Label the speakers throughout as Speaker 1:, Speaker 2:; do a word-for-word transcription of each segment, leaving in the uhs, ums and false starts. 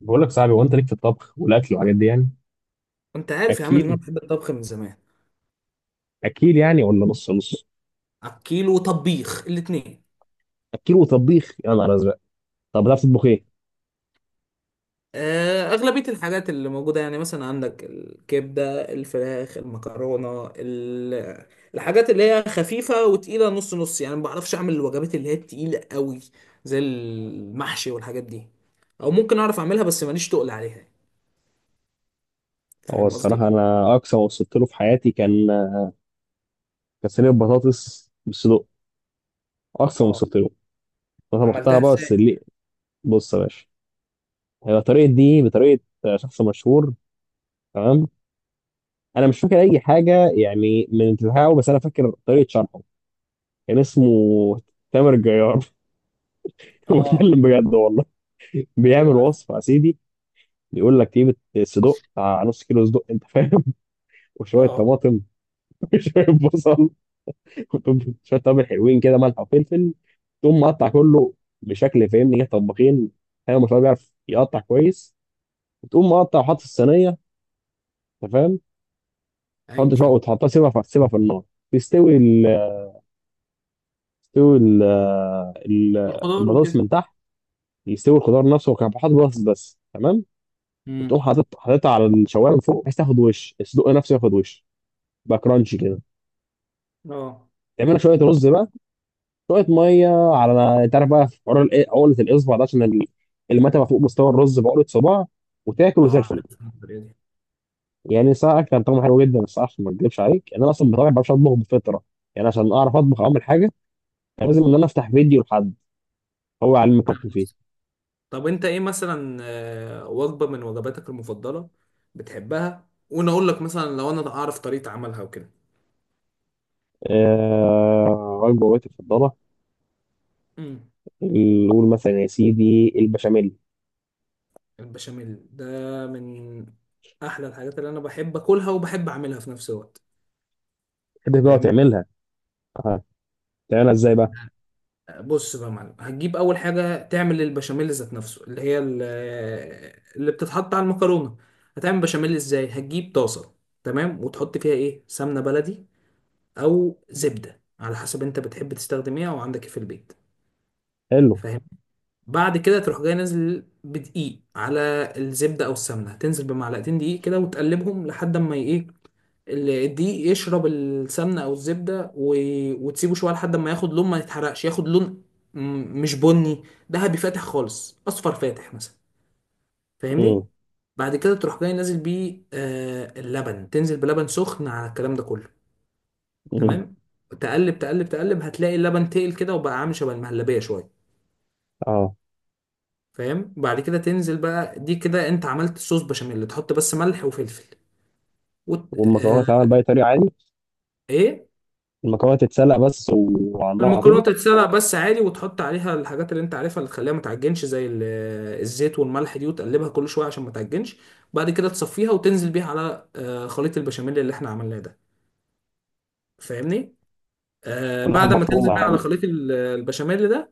Speaker 1: بقول لك صاحبي، هو انت ليك في الطبخ والاكل والحاجات دي يعني
Speaker 2: انت عارف يا عم ان انا
Speaker 1: اكيل؟
Speaker 2: بحب الطبخ من زمان.
Speaker 1: اكيل يعني ولا نص نص؟
Speaker 2: اكيل وطبيخ الاتنين.
Speaker 1: اكيل وطبيخ يا نهار ازرق. طب بتعرف تطبخ ايه؟
Speaker 2: آه، اغلبيه الحاجات اللي موجوده يعني مثلا عندك الكبده، الفراخ، المكرونه، ال- الحاجات اللي هي خفيفه وتقيله نص نص، يعني ما بعرفش اعمل الوجبات اللي هي التقيله قوي زي المحشي والحاجات دي، او ممكن اعرف اعملها بس ماليش تقل عليها.
Speaker 1: هو
Speaker 2: فاهم
Speaker 1: الصراحه
Speaker 2: قصدي؟
Speaker 1: انا اقصى ما وصلت له في حياتي كان كان صينيه بطاطس بالصدق. اقصى ما
Speaker 2: اه.
Speaker 1: وصلت له. انا
Speaker 2: عملتها
Speaker 1: طبختها بقى بس
Speaker 2: ازاي؟
Speaker 1: اللي... بص يا باشا، هي طريقه دي بطريقه شخص مشهور. تمام، انا مش فاكر اي حاجه يعني من بتاعه بس انا فاكر طريقه شرحه. كان اسمه تامر جيار.
Speaker 2: اه.
Speaker 1: بتكلم بجد والله. بيعمل
Speaker 2: ايوه عارف.
Speaker 1: وصفه يا سيدي، يقول لك جيب الصدوق بتاع نص كيلو صدق، انت فاهم؟ وشويه
Speaker 2: اه.
Speaker 1: طماطم، وشويه بصل، وشويه توابل حلوين كده، ملح وفلفل. تقوم مقطع كله بشكل فاهمني كده طباخين. ايوه ما شاء الله بيعرف يقطع كويس. وتقوم مقطع وحاط في الصينيه، انت فاهم؟ تحط
Speaker 2: ايوه
Speaker 1: شويه
Speaker 2: فاهم.
Speaker 1: وتحطها، سيبها في سيبها في النار. تستوي ال تستوي ال ال-
Speaker 2: الخضار
Speaker 1: البطاطس
Speaker 2: وكده.
Speaker 1: من تحت، يستوي الخضار نفسه، وكان حاطط بطاطس بس، تمام.
Speaker 2: امم.
Speaker 1: وتقوم حاطط حاططها على الشوايه من فوق بحيث تاخد وش الصدق نفسه، ياخد وش يبقى كرانشي كده.
Speaker 2: اه.
Speaker 1: تعملها شويه رز بقى، شويه ميه، على انت عارف بقى في حوار الإيه- عقله الاصبع ده عشان ال- المتبقى فوق مستوى الرز بعقله صباع، وتاكل زي
Speaker 2: اه،
Speaker 1: الفل.
Speaker 2: عارف الطريقه دي.
Speaker 1: يعني ساعه كان طعمه حلو جدا، بس عشان ما اكذبش عليك يعني انا اصلا بطبعي ما بعرفش اطبخ بفطره. يعني عشان اعرف اطبخ اعمل حاجه، كان لازم ان انا افتح فيديو لحد هو علم الطبخ فيه.
Speaker 2: طب انت ايه مثلا آه، وجبة من وجباتك المفضلة بتحبها، وانا اقول لك مثلا لو انا اعرف طريقة عملها وكده.
Speaker 1: آه... وجبه وجبتي المفضله،
Speaker 2: امم.
Speaker 1: نقول مثلا يا سيدي البشاميل.
Speaker 2: البشاميل ده من احلى الحاجات اللي انا بحب اكلها وبحب اعملها في نفس الوقت.
Speaker 1: كده بقى
Speaker 2: فاهمني؟
Speaker 1: تعملها. اه. تعملها ازاي بقى؟
Speaker 2: بص بقى يا معلم، هتجيب اول حاجة تعمل البشاميل ذات نفسه اللي هي ال- اللي بتتحط على المكرونة. هتعمل بشاميل ازاي؟ هتجيب طاسة، تمام، وتحط فيها ايه؟ سمنة بلدي او زبدة، على حسب انت بتحب تستخدم ايه او عندك ايه في البيت.
Speaker 1: حلو.
Speaker 2: فاهم؟ بعد كده تروح جاي نازل بدقيق على الزبدة أو السمنة، تنزل بمعلقتين دقيق كده وتقلبهم لحد ما إيه؟ ال- الدقيق يشرب السمنة أو الزبدة، و... وتسيبه شوية لحد ما ياخد لون، ما يتحرقش، ياخد لون م- مش بني، ذهبي فاتح خالص، أصفر فاتح مثلا. فاهمني؟
Speaker 1: امم.
Speaker 2: بعد كده تروح جاي نازل بيه آه اللبن، تنزل بلبن سخن على الكلام ده كله. تمام؟ تقلب تقلب تقلب، هتلاقي اللبن تقل كده وبقى عامل شبه المهلبية شوية.
Speaker 1: اه.
Speaker 2: فاهم؟ وبعد كده تنزل بقى، دي كده انت عملت صوص بشاميل، تحط بس ملح وفلفل وت... آه...
Speaker 1: والمكرونه تعمل باي طريقه؟ عادي؟
Speaker 2: ايه.
Speaker 1: المكرونه تتسلق بس وعلى النار على
Speaker 2: المكرونه
Speaker 1: طول؟
Speaker 2: تتسلق بس عادي، وتحط عليها الحاجات اللي انت عارفها اللي تخليها ما تعجنش، زي ال- آه، الزيت والملح دي، وتقلبها كل شويه عشان ما تعجنش. بعد كده تصفيها وتنزل بيها على آه، خليط البشاميل اللي احنا عملناه ده. فاهمني؟ آه،
Speaker 1: واللحمة
Speaker 2: بعد ما تنزل
Speaker 1: مفرومة يا
Speaker 2: بيها على
Speaker 1: عم؟
Speaker 2: خليط ال- آه، البشاميل ده،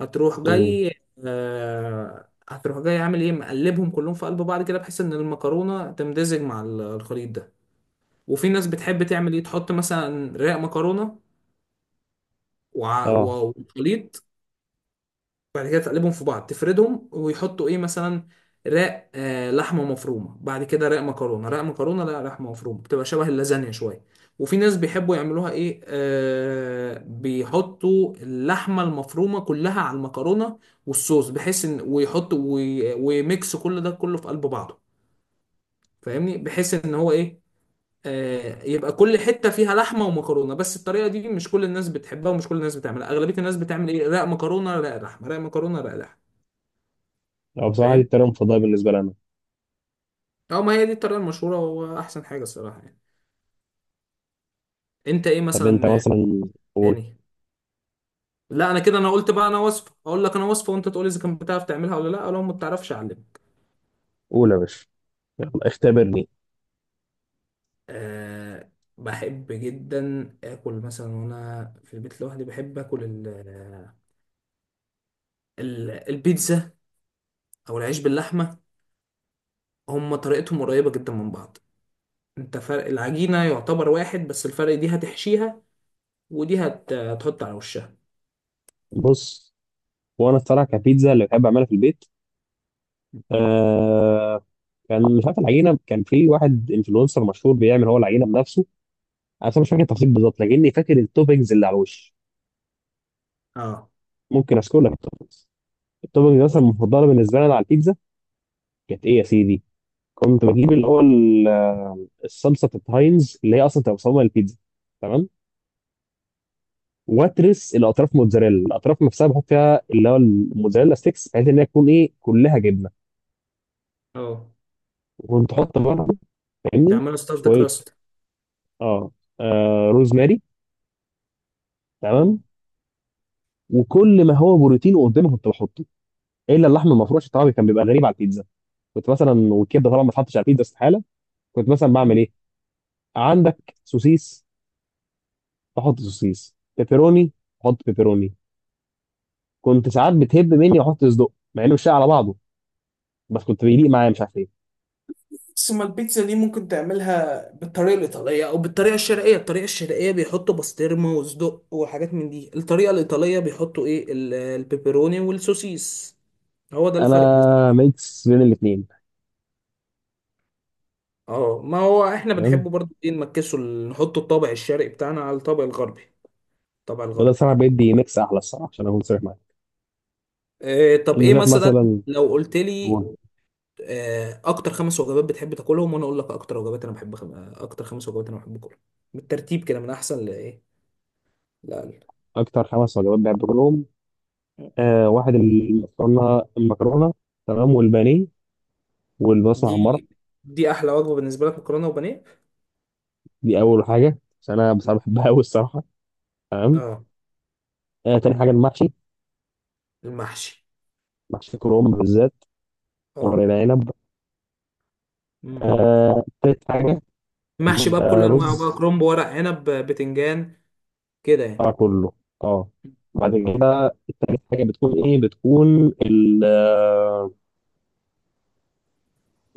Speaker 2: هتروح
Speaker 1: مم.
Speaker 2: جاي. آه هتروح جاي عامل ايه؟ مقلبهم كلهم في قلب بعض كده، بحيث ان المكرونه تمتزج مع ال- الخليط ده. وفي ناس بتحب تعمل ايه؟ تحط مثلا رق مكرونه وع-
Speaker 1: اه.
Speaker 2: و- وخليط، بعد كده تقلبهم في بعض، تفردهم ويحطوا ايه مثلا؟ رق، آه لحمه مفرومه، بعد كده رق مكرونه، رق مكرونه لا لحمه مفرومه، بتبقى شبه اللازانيا شويه. وفي ناس بيحبوا يعملوها ايه؟ آه بيحطوا اللحمه المفرومه كلها على المكرونه والصوص، بحيث ان ويحطوا وي- ويميكس كل ده كله في قلب بعضه. فاهمني؟ بحيث ان هو ايه؟ آه، يبقى كل حته فيها لحمه ومكرونه. بس الطريقه دي مش كل الناس بتحبها ومش كل الناس بتعملها، اغلبيه الناس بتعمل ايه؟ رق مكرونه رق لحمه، رق مكرونه رق لحمه.
Speaker 1: اه، بصراحة دي
Speaker 2: فاهم؟
Speaker 1: الطريقة المفضلة بالنسبة لنا.
Speaker 2: اه، ما هي دي الطريقه المشهوره واحسن حاجه الصراحه يعني. انت ايه
Speaker 1: طب انت
Speaker 2: مثلا آه،
Speaker 1: مثلا، قول.
Speaker 2: تاني؟ لا انا كده، انا قلت بقى، انا وصفه، اقول لك انا وصفه وانت تقول لي اذا كنت بتعرف تعملها ولا لا، لو ما بتعرفش اعلمك.
Speaker 1: قول يا باشا، يلا اختبرني.
Speaker 2: أه، بحب جدا اكل مثلا وانا في البيت لوحدي، بحب اكل ال- ال- البيتزا او العيش باللحمه. هم طريقتهم قريبه جدا من بعض، انت فرق العجينة يعتبر واحد، بس الفرق دي هتحشيها ودي هت... هتحط على وشها.
Speaker 1: بص، وانا الصراحة كبيتزا اللي بحب اعملها في البيت، آه، كان مش عارف العجينة. كان في واحد انفلونسر مشهور بيعمل هو العجينة بنفسه. انا بصراحة مش فاكر التفاصيل بالظبط، لكني فاكر التوبنجز اللي على الوش.
Speaker 2: اه.
Speaker 1: ممكن اذكر لك التوبنجز. التوبنجز مثلا المفضلة بالنسبة لنا على البيتزا كانت ايه يا سيدي؟ كنت بجيب اللي هو ال- الصلصة بتاعت هاينز اللي هي اصلا تبقى مصممة للبيتزا، تمام؟ واترس الاطراف موتزاريلا، الاطراف نفسها بحط فيها اللي هو الموتزاريلا ستيكس بحيث ان هي تكون ايه، كلها جبنه.
Speaker 2: اه،
Speaker 1: وكنت احط برضه، فاهمني،
Speaker 2: تعملها ستافد
Speaker 1: شويه
Speaker 2: كراست.
Speaker 1: اه, آه روزماري،
Speaker 2: اه.
Speaker 1: تمام. وكل ما هو بروتين قدامي كنت بحطه، الا اللحم المفروم عشان طبعا كان بيبقى غريب على البيتزا. كنت مثلا... والكبده طبعا ما اتحطش على البيتزا، استحاله. كنت مثلا بعمل ايه، عندك سوسيس، بحط سوسيس بيبروني، بحط بيبروني. كنت ساعات بتهب مني واحط صدق مع انه مش شايع على بعضه، بس كنت بيليق معايا مش عارف ايه.
Speaker 2: ثم البيتزا دي ممكن تعملها بالطريقة الإيطالية الإيطالية أو بالطريقة الشرقية. الطريقة الشرقية بيحطوا بسطرمة وصدق وحاجات من دي، الطريقة الإيطالية بيحطوا إيه؟ ال- البيبروني والسوسيس. هو ده
Speaker 1: انا
Speaker 2: الفرق بس.
Speaker 1: ميكس بين الاثنين.
Speaker 2: اه، ما هو احنا
Speaker 1: فاهم؟
Speaker 2: بنحبه برضه ايه؟ نمكسه، ال- نحط الطابع الشرقي بتاعنا على الطابع الغربي. الطابع
Speaker 1: وده
Speaker 2: الغربي.
Speaker 1: الصراحه بيدي ميكس احلى الصراحه عشان اكون صريح معاك.
Speaker 2: آه، طب
Speaker 1: اللي
Speaker 2: ايه
Speaker 1: شايف
Speaker 2: مثلا
Speaker 1: مثلا.
Speaker 2: لو قلت لي
Speaker 1: هو
Speaker 2: آه، اكتر خمس وجبات بتحب تاكلهم، وانا اقول لك اكتر وجبات انا بحب خم... آه، اكتر خمس وجبات انا بحب اكلهم، بالترتيب كده من احسن لايه، لاقل.
Speaker 1: اكتر خمس وجبات بحب اكلهم، آه، واحد اللي اخترنا المكرونه، تمام، والبانيه والبصل محمره.
Speaker 2: دي دي احلى وجبه بالنسبه لك، مكرونه وبانيه؟
Speaker 1: دي اول حاجه عشان انا بصراحه بحبها قوي الصراحه، تمام.
Speaker 2: اه.
Speaker 1: آه، تاني حاجه المحشي.
Speaker 2: المحشي؟
Speaker 1: محشي كرنب بالذات، ورق
Speaker 2: اه.
Speaker 1: العنب.
Speaker 2: امم.
Speaker 1: آه، تالت حاجه
Speaker 2: محشي بقى بكل انواعه بقى،
Speaker 1: الرز.
Speaker 2: كرنب ورق عنب بتنجان كده يعني.
Speaker 1: آه كله. اه. بعد كده التالت حاجه بتكون ايه، بتكون ال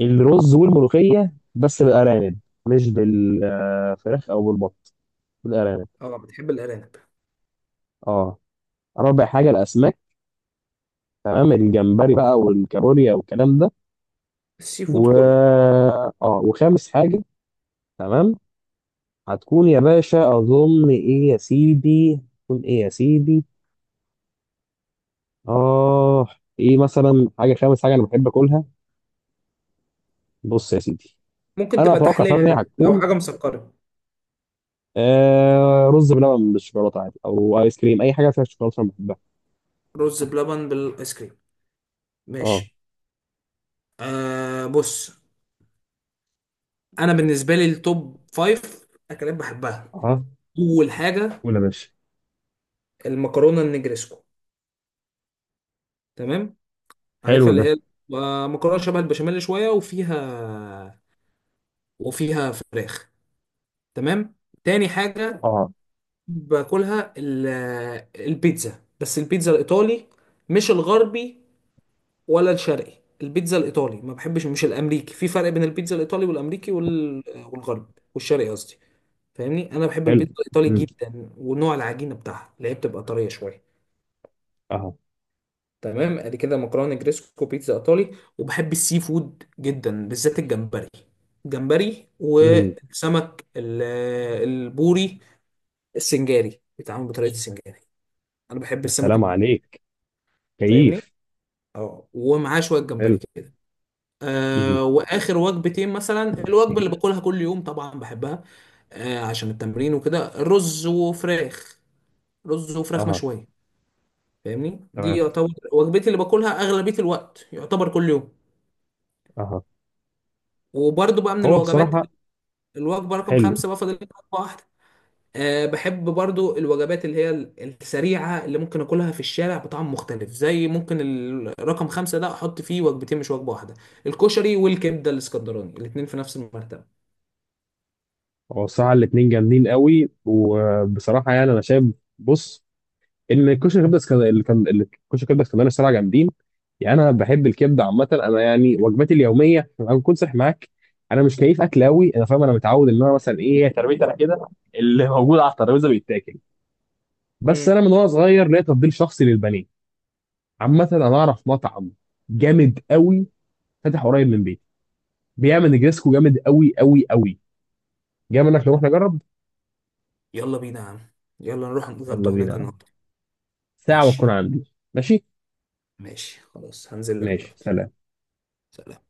Speaker 1: الرز والملوخية، بس بالأرانب، مش بالفراخ أو بالبط، بالأرانب.
Speaker 2: اه. بتحب الارانب؟
Speaker 1: اه. رابع حاجة الأسماك، تمام، الجمبري بقى والكابوريا والكلام ده.
Speaker 2: السي
Speaker 1: و...
Speaker 2: فود كله.
Speaker 1: اه، وخامس حاجة، تمام، هتكون يا باشا، أظن إيه يا سيدي، تكون إيه يا سيدي، آه، إيه مثلا حاجة خامس حاجة أنا بحب أكلها؟ بص يا سيدي،
Speaker 2: ممكن
Speaker 1: أنا
Speaker 2: تبقى
Speaker 1: أتوقع
Speaker 2: تحليه
Speaker 1: فعلا إن هي
Speaker 2: يعني، لو
Speaker 1: هتكون
Speaker 2: حاجه مسكره.
Speaker 1: آه رز بلبن بالشوكولاتة عادي، أو آيس كريم، أي حاجة فيها شوكولاتة أنا بحبها.
Speaker 2: رز بلبن بالايس كريم؟
Speaker 1: اه.
Speaker 2: ماشي. آه، بص، انا بالنسبه لي التوب فايف اكلات بحبها.
Speaker 1: اه.
Speaker 2: اول حاجه
Speaker 1: قول يا باشا.
Speaker 2: المكرونه النجريسكو، تمام،
Speaker 1: حلو
Speaker 2: عارفها اللي
Speaker 1: ده.
Speaker 2: هي آه، مكرونه شبه البشاميل شويه، وفيها وفيها فراخ، تمام. تاني حاجه
Speaker 1: اه.
Speaker 2: باكلها ال- البيتزا، بس البيتزا الايطالي، مش الغربي ولا الشرقي. البيتزا الايطالي، ما بحبش مش الامريكي، في فرق بين البيتزا الايطالي والامريكي وال- والغربي والشرقي قصدي. فاهمني؟ انا بحب
Speaker 1: حلو.
Speaker 2: البيتزا الايطالي
Speaker 1: مم.
Speaker 2: جدا، ونوع العجينه بتاعها اللي هي بتبقى طريه شويه.
Speaker 1: اه.
Speaker 2: تمام، ادي كده مكرونه جريسكو، بيتزا ايطالي. وبحب السي فود جدا، بالذات الجمبري. الجمبري
Speaker 1: مم.
Speaker 2: والسمك ال- البوري السنجاري، بيتعمل بطريقه السنجاري. انا بحب السمك
Speaker 1: السلام
Speaker 2: البوري.
Speaker 1: عليك،
Speaker 2: فاهمني؟
Speaker 1: كيف؟
Speaker 2: اه، ومعاه شويه جمبري
Speaker 1: حلو.
Speaker 2: كده.
Speaker 1: مم.
Speaker 2: آه، واخر وجبتين مثلا، الوجبه اللي باكلها كل يوم طبعا بحبها، آه، عشان التمرين وكده، رز وفراخ، رز وفراخ
Speaker 1: اه.
Speaker 2: مشويه. فاهمني؟ دي
Speaker 1: تمام.
Speaker 2: يعتبر وجبتي اللي باكلها اغلبيه الوقت، يعتبر كل يوم.
Speaker 1: اه.
Speaker 2: وبرضو بقى من
Speaker 1: هو
Speaker 2: الوجبات،
Speaker 1: بصراحة...
Speaker 2: الوجبة رقم
Speaker 1: حلو.
Speaker 2: خمسة بقى، فاضل لي وجبة واحدة. أه، بحب برضو الوجبات اللي هي ال- السريعة اللي ممكن أكلها في الشارع بطعم مختلف، زي ممكن ال- رقم خمسة ده أحط فيه وجبتين مش وجبة واحدة، الكشري والكبدة الإسكندراني، الاتنين في نفس المرتبة.
Speaker 1: هو بصراحة الاتنين جامدين قوي، وبصراحة يعني أنا شايف، بص، إن الكشري كبدة اسكندرية اللي كان اللي- الكشري كبدة اسكندرية الصراحة جامدين. يعني أنا بحب الكبدة عامة. أنا يعني وجباتي اليومية، أنا بكون صريح معاك، أنا مش كيف أكل قوي. أنا فاهم، أنا متعود إن أنا مثلا إيه، تربيتي أنا كده، اللي موجود على الترابيزة بيتاكل. بس أنا
Speaker 2: امم.
Speaker 1: من وأنا صغير ليا تفضيل شخصي للبني. عامة انا اعرف مطعم جامد قوي فاتح قريب من بيتي، بيعمل نجريسكو جامد قوي قوي قوي. جاي منك نروح نجرب.
Speaker 2: يلا بينا يا عم، يلا نروح
Speaker 1: يلا
Speaker 2: نتغدى هناك
Speaker 1: بينا.
Speaker 2: النهاردة.
Speaker 1: ساعة
Speaker 2: ماشي.
Speaker 1: وتكون عندي. ماشي.
Speaker 2: ماشي خلاص، هنزل لك
Speaker 1: ماشي،
Speaker 2: دلوقتي.
Speaker 1: سلام.
Speaker 2: سلام.